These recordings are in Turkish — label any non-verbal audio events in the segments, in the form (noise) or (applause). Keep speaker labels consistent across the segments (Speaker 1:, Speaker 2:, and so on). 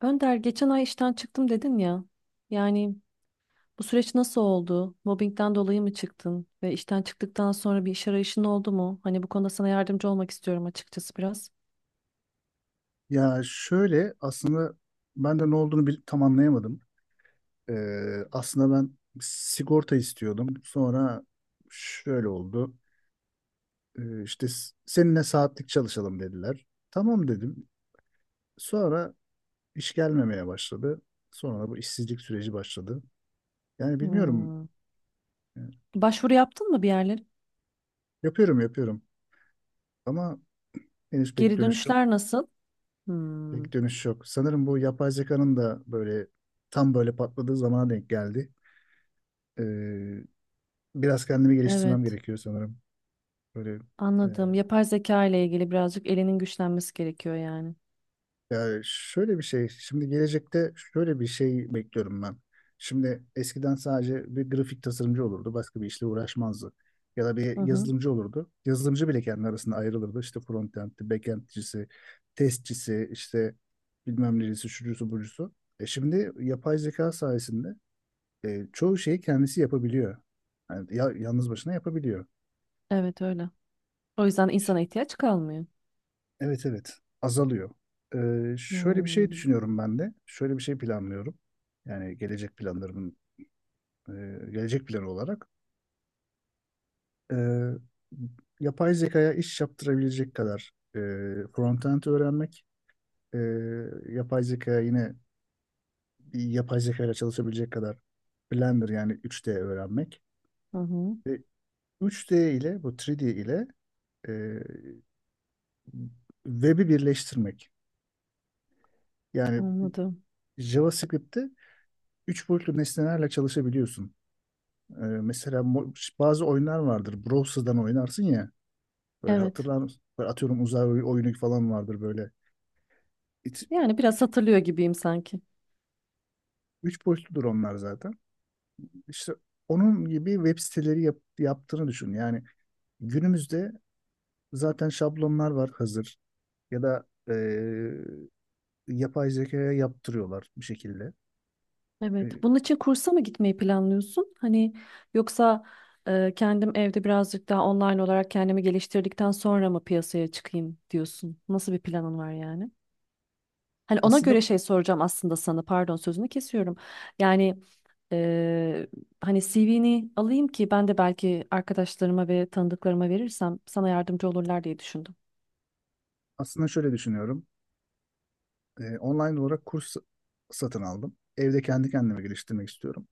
Speaker 1: Önder geçen ay işten çıktım dedin ya. Yani bu süreç nasıl oldu? Mobbingden dolayı mı çıktın? Ve işten çıktıktan sonra bir iş arayışın oldu mu? Hani bu konuda sana yardımcı olmak istiyorum açıkçası biraz.
Speaker 2: Ya şöyle aslında ben de ne olduğunu tam anlayamadım. Aslında ben sigorta istiyordum. Sonra şöyle oldu. İşte seninle saatlik çalışalım dediler. Tamam dedim. Sonra iş gelmemeye başladı. Sonra da bu işsizlik süreci başladı. Yani bilmiyorum.
Speaker 1: Hmm.
Speaker 2: Ee,
Speaker 1: Başvuru yaptın mı bir yerlere?
Speaker 2: Yapıyorum, yapıyorum. Ama henüz pek
Speaker 1: Geri
Speaker 2: dönüş yok.
Speaker 1: dönüşler nasıl? Hmm.
Speaker 2: Pek dönüş yok. Sanırım bu yapay zekanın da böyle tam böyle patladığı zamana denk geldi. Biraz kendimi geliştirmem
Speaker 1: Evet,
Speaker 2: gerekiyor sanırım. Böyle e,
Speaker 1: anladım. Yapay zeka ile ilgili birazcık elinin güçlenmesi gerekiyor yani.
Speaker 2: Ya, şöyle bir şey. Şimdi gelecekte şöyle bir şey bekliyorum ben. Şimdi eskiden sadece bir grafik tasarımcı olurdu. Başka bir işle uğraşmazdı. Ya da bir
Speaker 1: Hı hı.
Speaker 2: yazılımcı olurdu. Yazılımcı bile kendi arasında ayrılırdı. İşte frontend'ci, backend'cisi, testçisi, işte bilmem neresi, şucusu, bucusu. Şimdi yapay zeka sayesinde çoğu şeyi kendisi yapabiliyor. Yani yalnız başına yapabiliyor.
Speaker 1: Evet öyle. O yüzden insana ihtiyaç kalmıyor.
Speaker 2: Evet, evet, azalıyor. Şöyle bir şey
Speaker 1: Hmm.
Speaker 2: düşünüyorum ben de. Şöyle bir şey planlıyorum. Yani e, gelecek planı olarak e, yapay zekaya iş yaptırabilecek kadar frontend öğrenmek, e, yapay zekaya yine bir yapay zeka ile çalışabilecek kadar Blender, yani 3D öğrenmek
Speaker 1: Hı hı.
Speaker 2: ve üç d ile bu 3D ile e, web'i birleştirmek. Yani
Speaker 1: Anladım.
Speaker 2: JavaScript'te üç boyutlu nesnelerle çalışabiliyorsun. Mesela bazı oyunlar vardır. Browser'dan oynarsın ya. Böyle
Speaker 1: Evet.
Speaker 2: hatırlar mısın? Böyle atıyorum uzay oyunu falan vardır böyle. İç-
Speaker 1: Yani biraz
Speaker 2: üç
Speaker 1: hatırlıyor gibiyim sanki.
Speaker 2: üç, boyutludur onlar zaten. İşte onun gibi web siteleri yaptığını düşün. Yani günümüzde zaten şablonlar var hazır. Ya da yapay zekaya yaptırıyorlar bir şekilde.
Speaker 1: Evet.
Speaker 2: E,
Speaker 1: Bunun için kursa mı gitmeyi planlıyorsun? Hani yoksa kendim evde birazcık daha online olarak kendimi geliştirdikten sonra mı piyasaya çıkayım diyorsun? Nasıl bir planın var yani? Hani ona
Speaker 2: Aslında
Speaker 1: göre şey soracağım aslında sana. Pardon sözünü kesiyorum. Yani eee, hani CV'ni alayım ki ben de belki arkadaşlarıma ve tanıdıklarıma verirsem sana yardımcı olurlar diye düşündüm.
Speaker 2: aslında şöyle düşünüyorum. Online olarak kurs satın aldım. Evde kendi kendime geliştirmek istiyorum.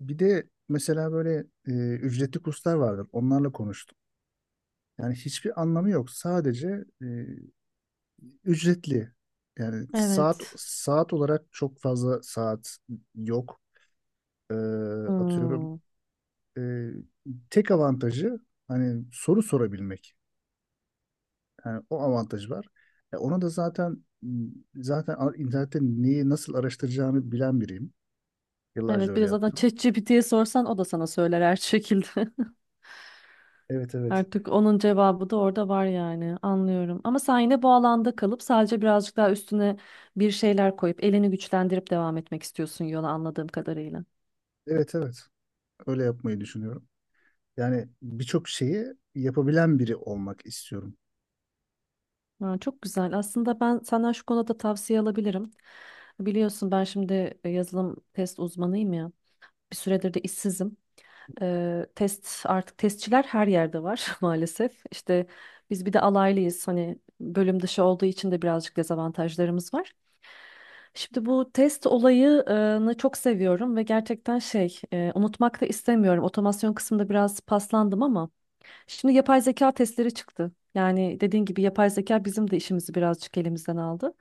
Speaker 2: Bir de mesela böyle ücretli kurslar vardır. Onlarla konuştum. Yani hiçbir anlamı yok. Sadece ücretli. Yani saat
Speaker 1: Evet.
Speaker 2: saat olarak çok fazla saat yok. Ee, Atıyorum.
Speaker 1: Hmm.
Speaker 2: e, Tek avantajı hani soru sorabilmek. Yani o avantaj var. Ona da zaten internette neyi nasıl araştıracağını bilen biriyim. Yıllarca
Speaker 1: Evet, bir
Speaker 2: öyle
Speaker 1: de zaten
Speaker 2: yaptım.
Speaker 1: ChatGPT'ye sorsan o da sana söyler her şekilde. (laughs)
Speaker 2: Evet, evet.
Speaker 1: Artık onun cevabı da orada var yani. Anlıyorum. Ama sen yine bu alanda kalıp sadece birazcık daha üstüne bir şeyler koyup elini güçlendirip devam etmek istiyorsun yola anladığım kadarıyla.
Speaker 2: Evet, evet. Öyle yapmayı düşünüyorum. Yani birçok şeyi yapabilen biri olmak istiyorum.
Speaker 1: Ha, çok güzel. Aslında ben senden şu konuda tavsiye alabilirim. Biliyorsun ben şimdi yazılım test uzmanıyım ya. Bir süredir de işsizim. Test artık testçiler her yerde var (laughs) maalesef. İşte biz bir de alaylıyız. Hani bölüm dışı olduğu için de birazcık dezavantajlarımız var. Şimdi bu test olayını çok seviyorum ve gerçekten unutmak da istemiyorum. Otomasyon kısmında biraz paslandım ama. Şimdi yapay zeka testleri çıktı. Yani dediğin gibi yapay zeka bizim de işimizi birazcık elimizden aldı.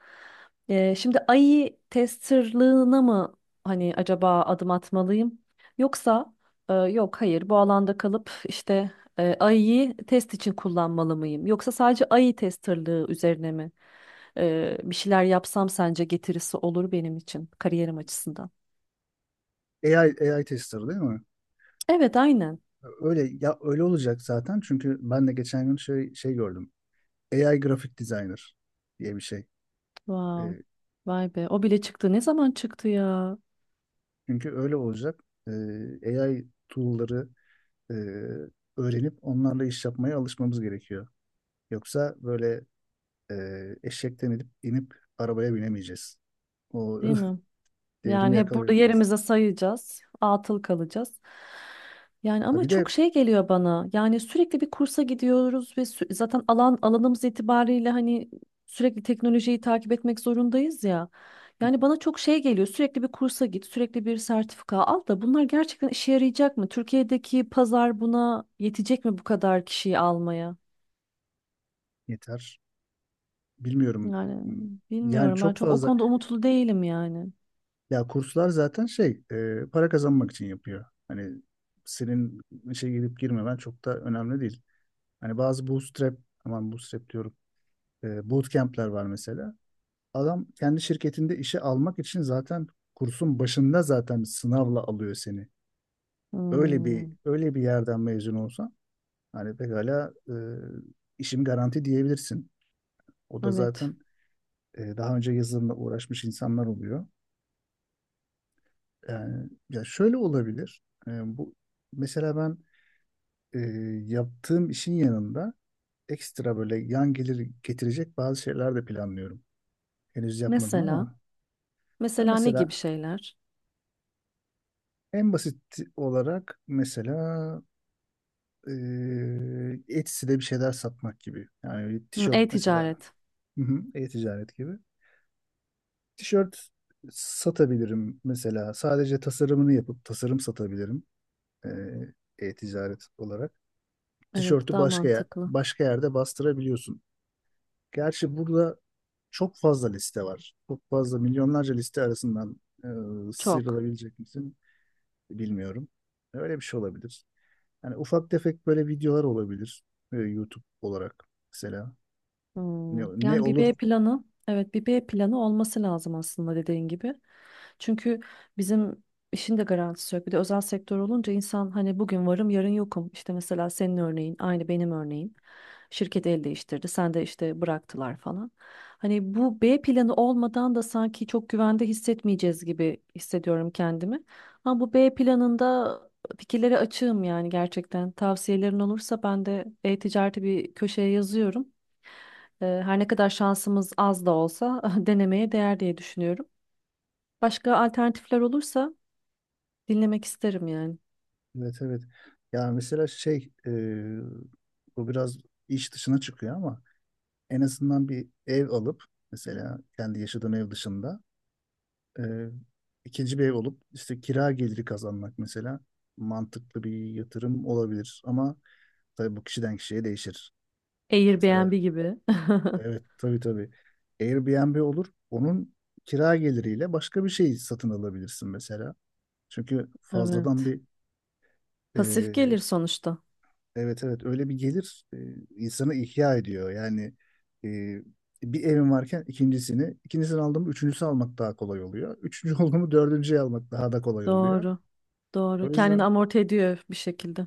Speaker 1: Şimdi AI testerlığına mı hani acaba adım atmalıyım? Yoksa yok, hayır, bu alanda kalıp işte AI'yi test için kullanmalı mıyım? Yoksa sadece AI testerlığı üzerine mi bir şeyler yapsam sence getirisi olur benim için kariyerim açısından?
Speaker 2: AI tester değil mi?
Speaker 1: Evet, aynen.
Speaker 2: Öyle ya, öyle olacak zaten, çünkü ben de geçen gün şey gördüm. AI grafik designer diye bir şey.
Speaker 1: Wow.
Speaker 2: Ee,
Speaker 1: Vay be, o bile çıktı. Ne zaman çıktı ya?
Speaker 2: Çünkü öyle olacak. AI tool'ları e, öğrenip onlarla iş yapmaya alışmamız gerekiyor. Yoksa böyle eşekten inip arabaya binemeyeceğiz. O
Speaker 1: Değil mi?
Speaker 2: (laughs) devrimi
Speaker 1: Yani hep burada
Speaker 2: yakalayamayacağız.
Speaker 1: yerimize sayacağız, atıl kalacağız. Yani
Speaker 2: Ha,
Speaker 1: ama
Speaker 2: bir de.
Speaker 1: çok şey geliyor bana. Yani sürekli bir kursa gidiyoruz ve zaten alanımız itibariyle hani sürekli teknolojiyi takip etmek zorundayız ya. Yani bana çok şey geliyor. Sürekli bir kursa git, sürekli bir sertifika al, da bunlar gerçekten işe yarayacak mı? Türkiye'deki pazar buna yetecek mi bu kadar kişiyi almaya?
Speaker 2: Yeter. Bilmiyorum.
Speaker 1: Yani
Speaker 2: Yani
Speaker 1: bilmiyorum. Ben
Speaker 2: çok
Speaker 1: çok o
Speaker 2: fazla.
Speaker 1: konuda umutlu değilim yani.
Speaker 2: Ya, kurslar zaten para kazanmak için yapıyor. Hani senin işe girip girmemen çok da önemli değil. Hani bazı bootstrap, aman, bootstrap diyorum. Bootcamp'ler var mesela. Adam kendi şirketinde işe almak için zaten kursun başında zaten sınavla alıyor seni. Öyle bir
Speaker 1: Hmm,
Speaker 2: öyle bir yerden mezun olsan. Hani pekala işim garanti diyebilirsin. O da
Speaker 1: evet.
Speaker 2: zaten daha önce yazılımla uğraşmış insanlar oluyor. Yani ya, şöyle olabilir. E, Bu, mesela ben e, yaptığım işin yanında ekstra böyle yan gelir getirecek bazı şeyler de planlıyorum. Henüz yapmadım
Speaker 1: Mesela.
Speaker 2: ama ya,
Speaker 1: Mesela ne gibi
Speaker 2: mesela
Speaker 1: şeyler?
Speaker 2: en basit olarak mesela e, Etsy'de bir şeyler satmak gibi. Yani bir
Speaker 1: Hı,
Speaker 2: tişört mesela.
Speaker 1: e-ticaret.
Speaker 2: Hı hı, e-ticaret gibi. Tişört satabilirim mesela. Sadece tasarımını yapıp tasarım satabilirim e, e-ticaret olarak.
Speaker 1: Evet,
Speaker 2: Tişörtü
Speaker 1: daha mantıklı.
Speaker 2: başka yerde bastırabiliyorsun. Gerçi burada çok fazla liste var. Çok fazla milyonlarca liste arasından
Speaker 1: Çok.
Speaker 2: sıyrılabilecek misin bilmiyorum. Öyle bir şey olabilir. Yani ufak tefek böyle videolar olabilir YouTube olarak mesela.
Speaker 1: Hmm,
Speaker 2: Ne, ne
Speaker 1: yani bir
Speaker 2: olur
Speaker 1: B planı, evet, bir B planı olması lazım aslında dediğin gibi. Çünkü bizim işin de garantisi yok. Bir de özel sektör olunca insan hani bugün varım yarın yokum. İşte mesela senin örneğin aynı benim örneğim. Şirket el değiştirdi, sen de işte bıraktılar falan. Hani bu B planı olmadan da sanki çok güvende hissetmeyeceğiz gibi hissediyorum kendimi. Ama bu B planında fikirlere açığım yani gerçekten. Tavsiyelerin olursa ben de e-ticareti bir köşeye yazıyorum. Her ne kadar şansımız az da olsa (laughs) denemeye değer diye düşünüyorum. Başka alternatifler olursa dinlemek isterim yani.
Speaker 2: Evet, evet. Yani mesela bu biraz iş dışına çıkıyor, ama en azından bir ev alıp mesela kendi yaşadığım ev dışında e, ikinci bir ev olup işte kira geliri kazanmak mesela mantıklı bir yatırım olabilir, ama tabii bu kişiden kişiye değişir. Mesela
Speaker 1: Airbnb gibi. (laughs)
Speaker 2: evet, tabii, tabii, Airbnb olur, onun kira geliriyle başka bir şey satın alabilirsin mesela. Çünkü fazladan
Speaker 1: Evet.
Speaker 2: bir
Speaker 1: Pasif gelir sonuçta.
Speaker 2: Evet, evet, öyle bir gelir insanı ihya ediyor. Yani e, bir evim varken ikincisini aldım, üçüncüsü almak daha kolay oluyor. (laughs) Üçüncü oldu mu dördüncüyü almak daha da kolay oluyor.
Speaker 1: Doğru, doğru.
Speaker 2: O
Speaker 1: Kendini
Speaker 2: yüzden
Speaker 1: amorti ediyor bir şekilde.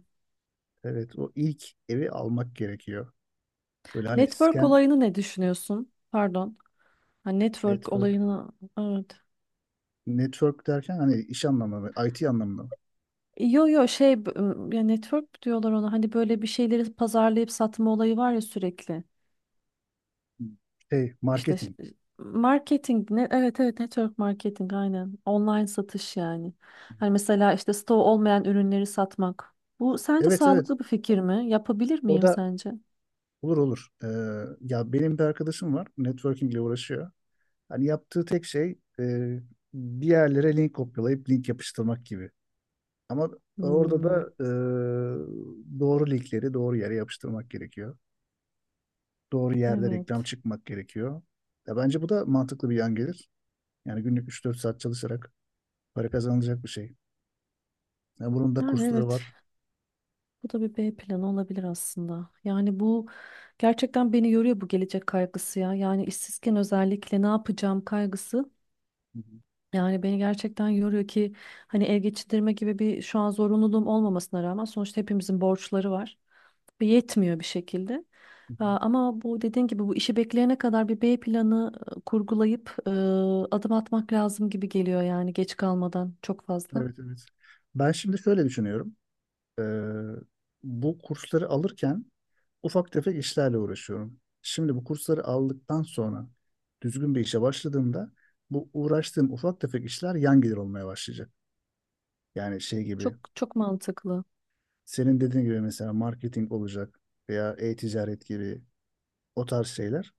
Speaker 2: evet, o ilk evi almak gerekiyor. Böyle hani
Speaker 1: Network
Speaker 2: scan
Speaker 1: olayını ne düşünüyorsun? Pardon. Ha, network
Speaker 2: network
Speaker 1: olayını, evet.
Speaker 2: network derken hani iş anlamında, IT anlamında
Speaker 1: Yo yo ya network mi diyorlar ona hani böyle bir şeyleri pazarlayıp satma olayı var ya sürekli. İşte
Speaker 2: marketing.
Speaker 1: marketing ne, evet, evet, network marketing aynen. Online satış yani. Hani mesela işte stoğu olmayan ürünleri satmak. Bu sence
Speaker 2: Evet, evet,
Speaker 1: sağlıklı bir fikir mi? Yapabilir
Speaker 2: o
Speaker 1: miyim
Speaker 2: da
Speaker 1: sence?
Speaker 2: olur, olur. Ya, benim bir arkadaşım var, networking ile uğraşıyor. Hani yaptığı tek şey bir yerlere link kopyalayıp link yapıştırmak gibi. Ama orada
Speaker 1: Hmm,
Speaker 2: da doğru linkleri doğru yere yapıştırmak gerekiyor. Doğru yerde reklam
Speaker 1: evet.
Speaker 2: çıkmak gerekiyor. Ya bence bu da mantıklı bir yan gelir. Yani günlük 3-4 saat çalışarak para kazanılacak bir şey. Ya bunun da
Speaker 1: Yani
Speaker 2: kursları
Speaker 1: evet.
Speaker 2: var.
Speaker 1: Bu da bir B planı olabilir aslında. Yani bu gerçekten beni yoruyor bu gelecek kaygısı ya. Yani işsizken özellikle ne yapacağım kaygısı.
Speaker 2: Hı hı,
Speaker 1: Yani beni gerçekten yoruyor ki hani ev geçindirme gibi bir şu an zorunluluğum olmamasına rağmen sonuçta hepimizin borçları var ve yetmiyor bir şekilde.
Speaker 2: hı hı.
Speaker 1: Aa, ama bu dediğin gibi bu işi bekleyene kadar bir B planı kurgulayıp adım atmak lazım gibi geliyor yani geç kalmadan çok fazla.
Speaker 2: Evet, evet. Ben şimdi şöyle düşünüyorum. E, Bu kursları alırken ufak tefek işlerle uğraşıyorum. Şimdi bu kursları aldıktan sonra düzgün bir işe başladığımda bu uğraştığım ufak tefek işler yan gelir olmaya başlayacak. Yani şey gibi
Speaker 1: Çok çok mantıklı.
Speaker 2: senin dediğin gibi mesela marketing olacak veya e-ticaret gibi o tarz şeyler.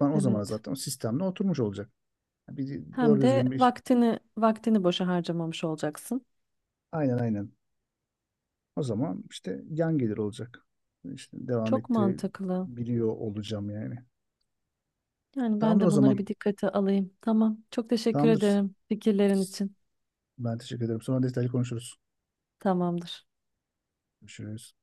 Speaker 2: Ben o zaman
Speaker 1: Evet.
Speaker 2: zaten o sistemle oturmuş olacak. Bir
Speaker 1: Hem
Speaker 2: doğru
Speaker 1: de
Speaker 2: düzgün bir iş.
Speaker 1: vaktini boşa harcamamış olacaksın.
Speaker 2: Aynen, aynen. O zaman işte yan gelir olacak. İşte devam
Speaker 1: Çok mantıklı.
Speaker 2: ettirebiliyor olacağım yani.
Speaker 1: Yani ben
Speaker 2: Tamamdır o
Speaker 1: de bunları
Speaker 2: zaman.
Speaker 1: bir dikkate alayım. Tamam. Çok teşekkür
Speaker 2: Tamamdır.
Speaker 1: ederim fikirlerin için.
Speaker 2: Ben teşekkür ederim. Sonra detaylı konuşuruz.
Speaker 1: Tamamdır.
Speaker 2: Görüşürüz.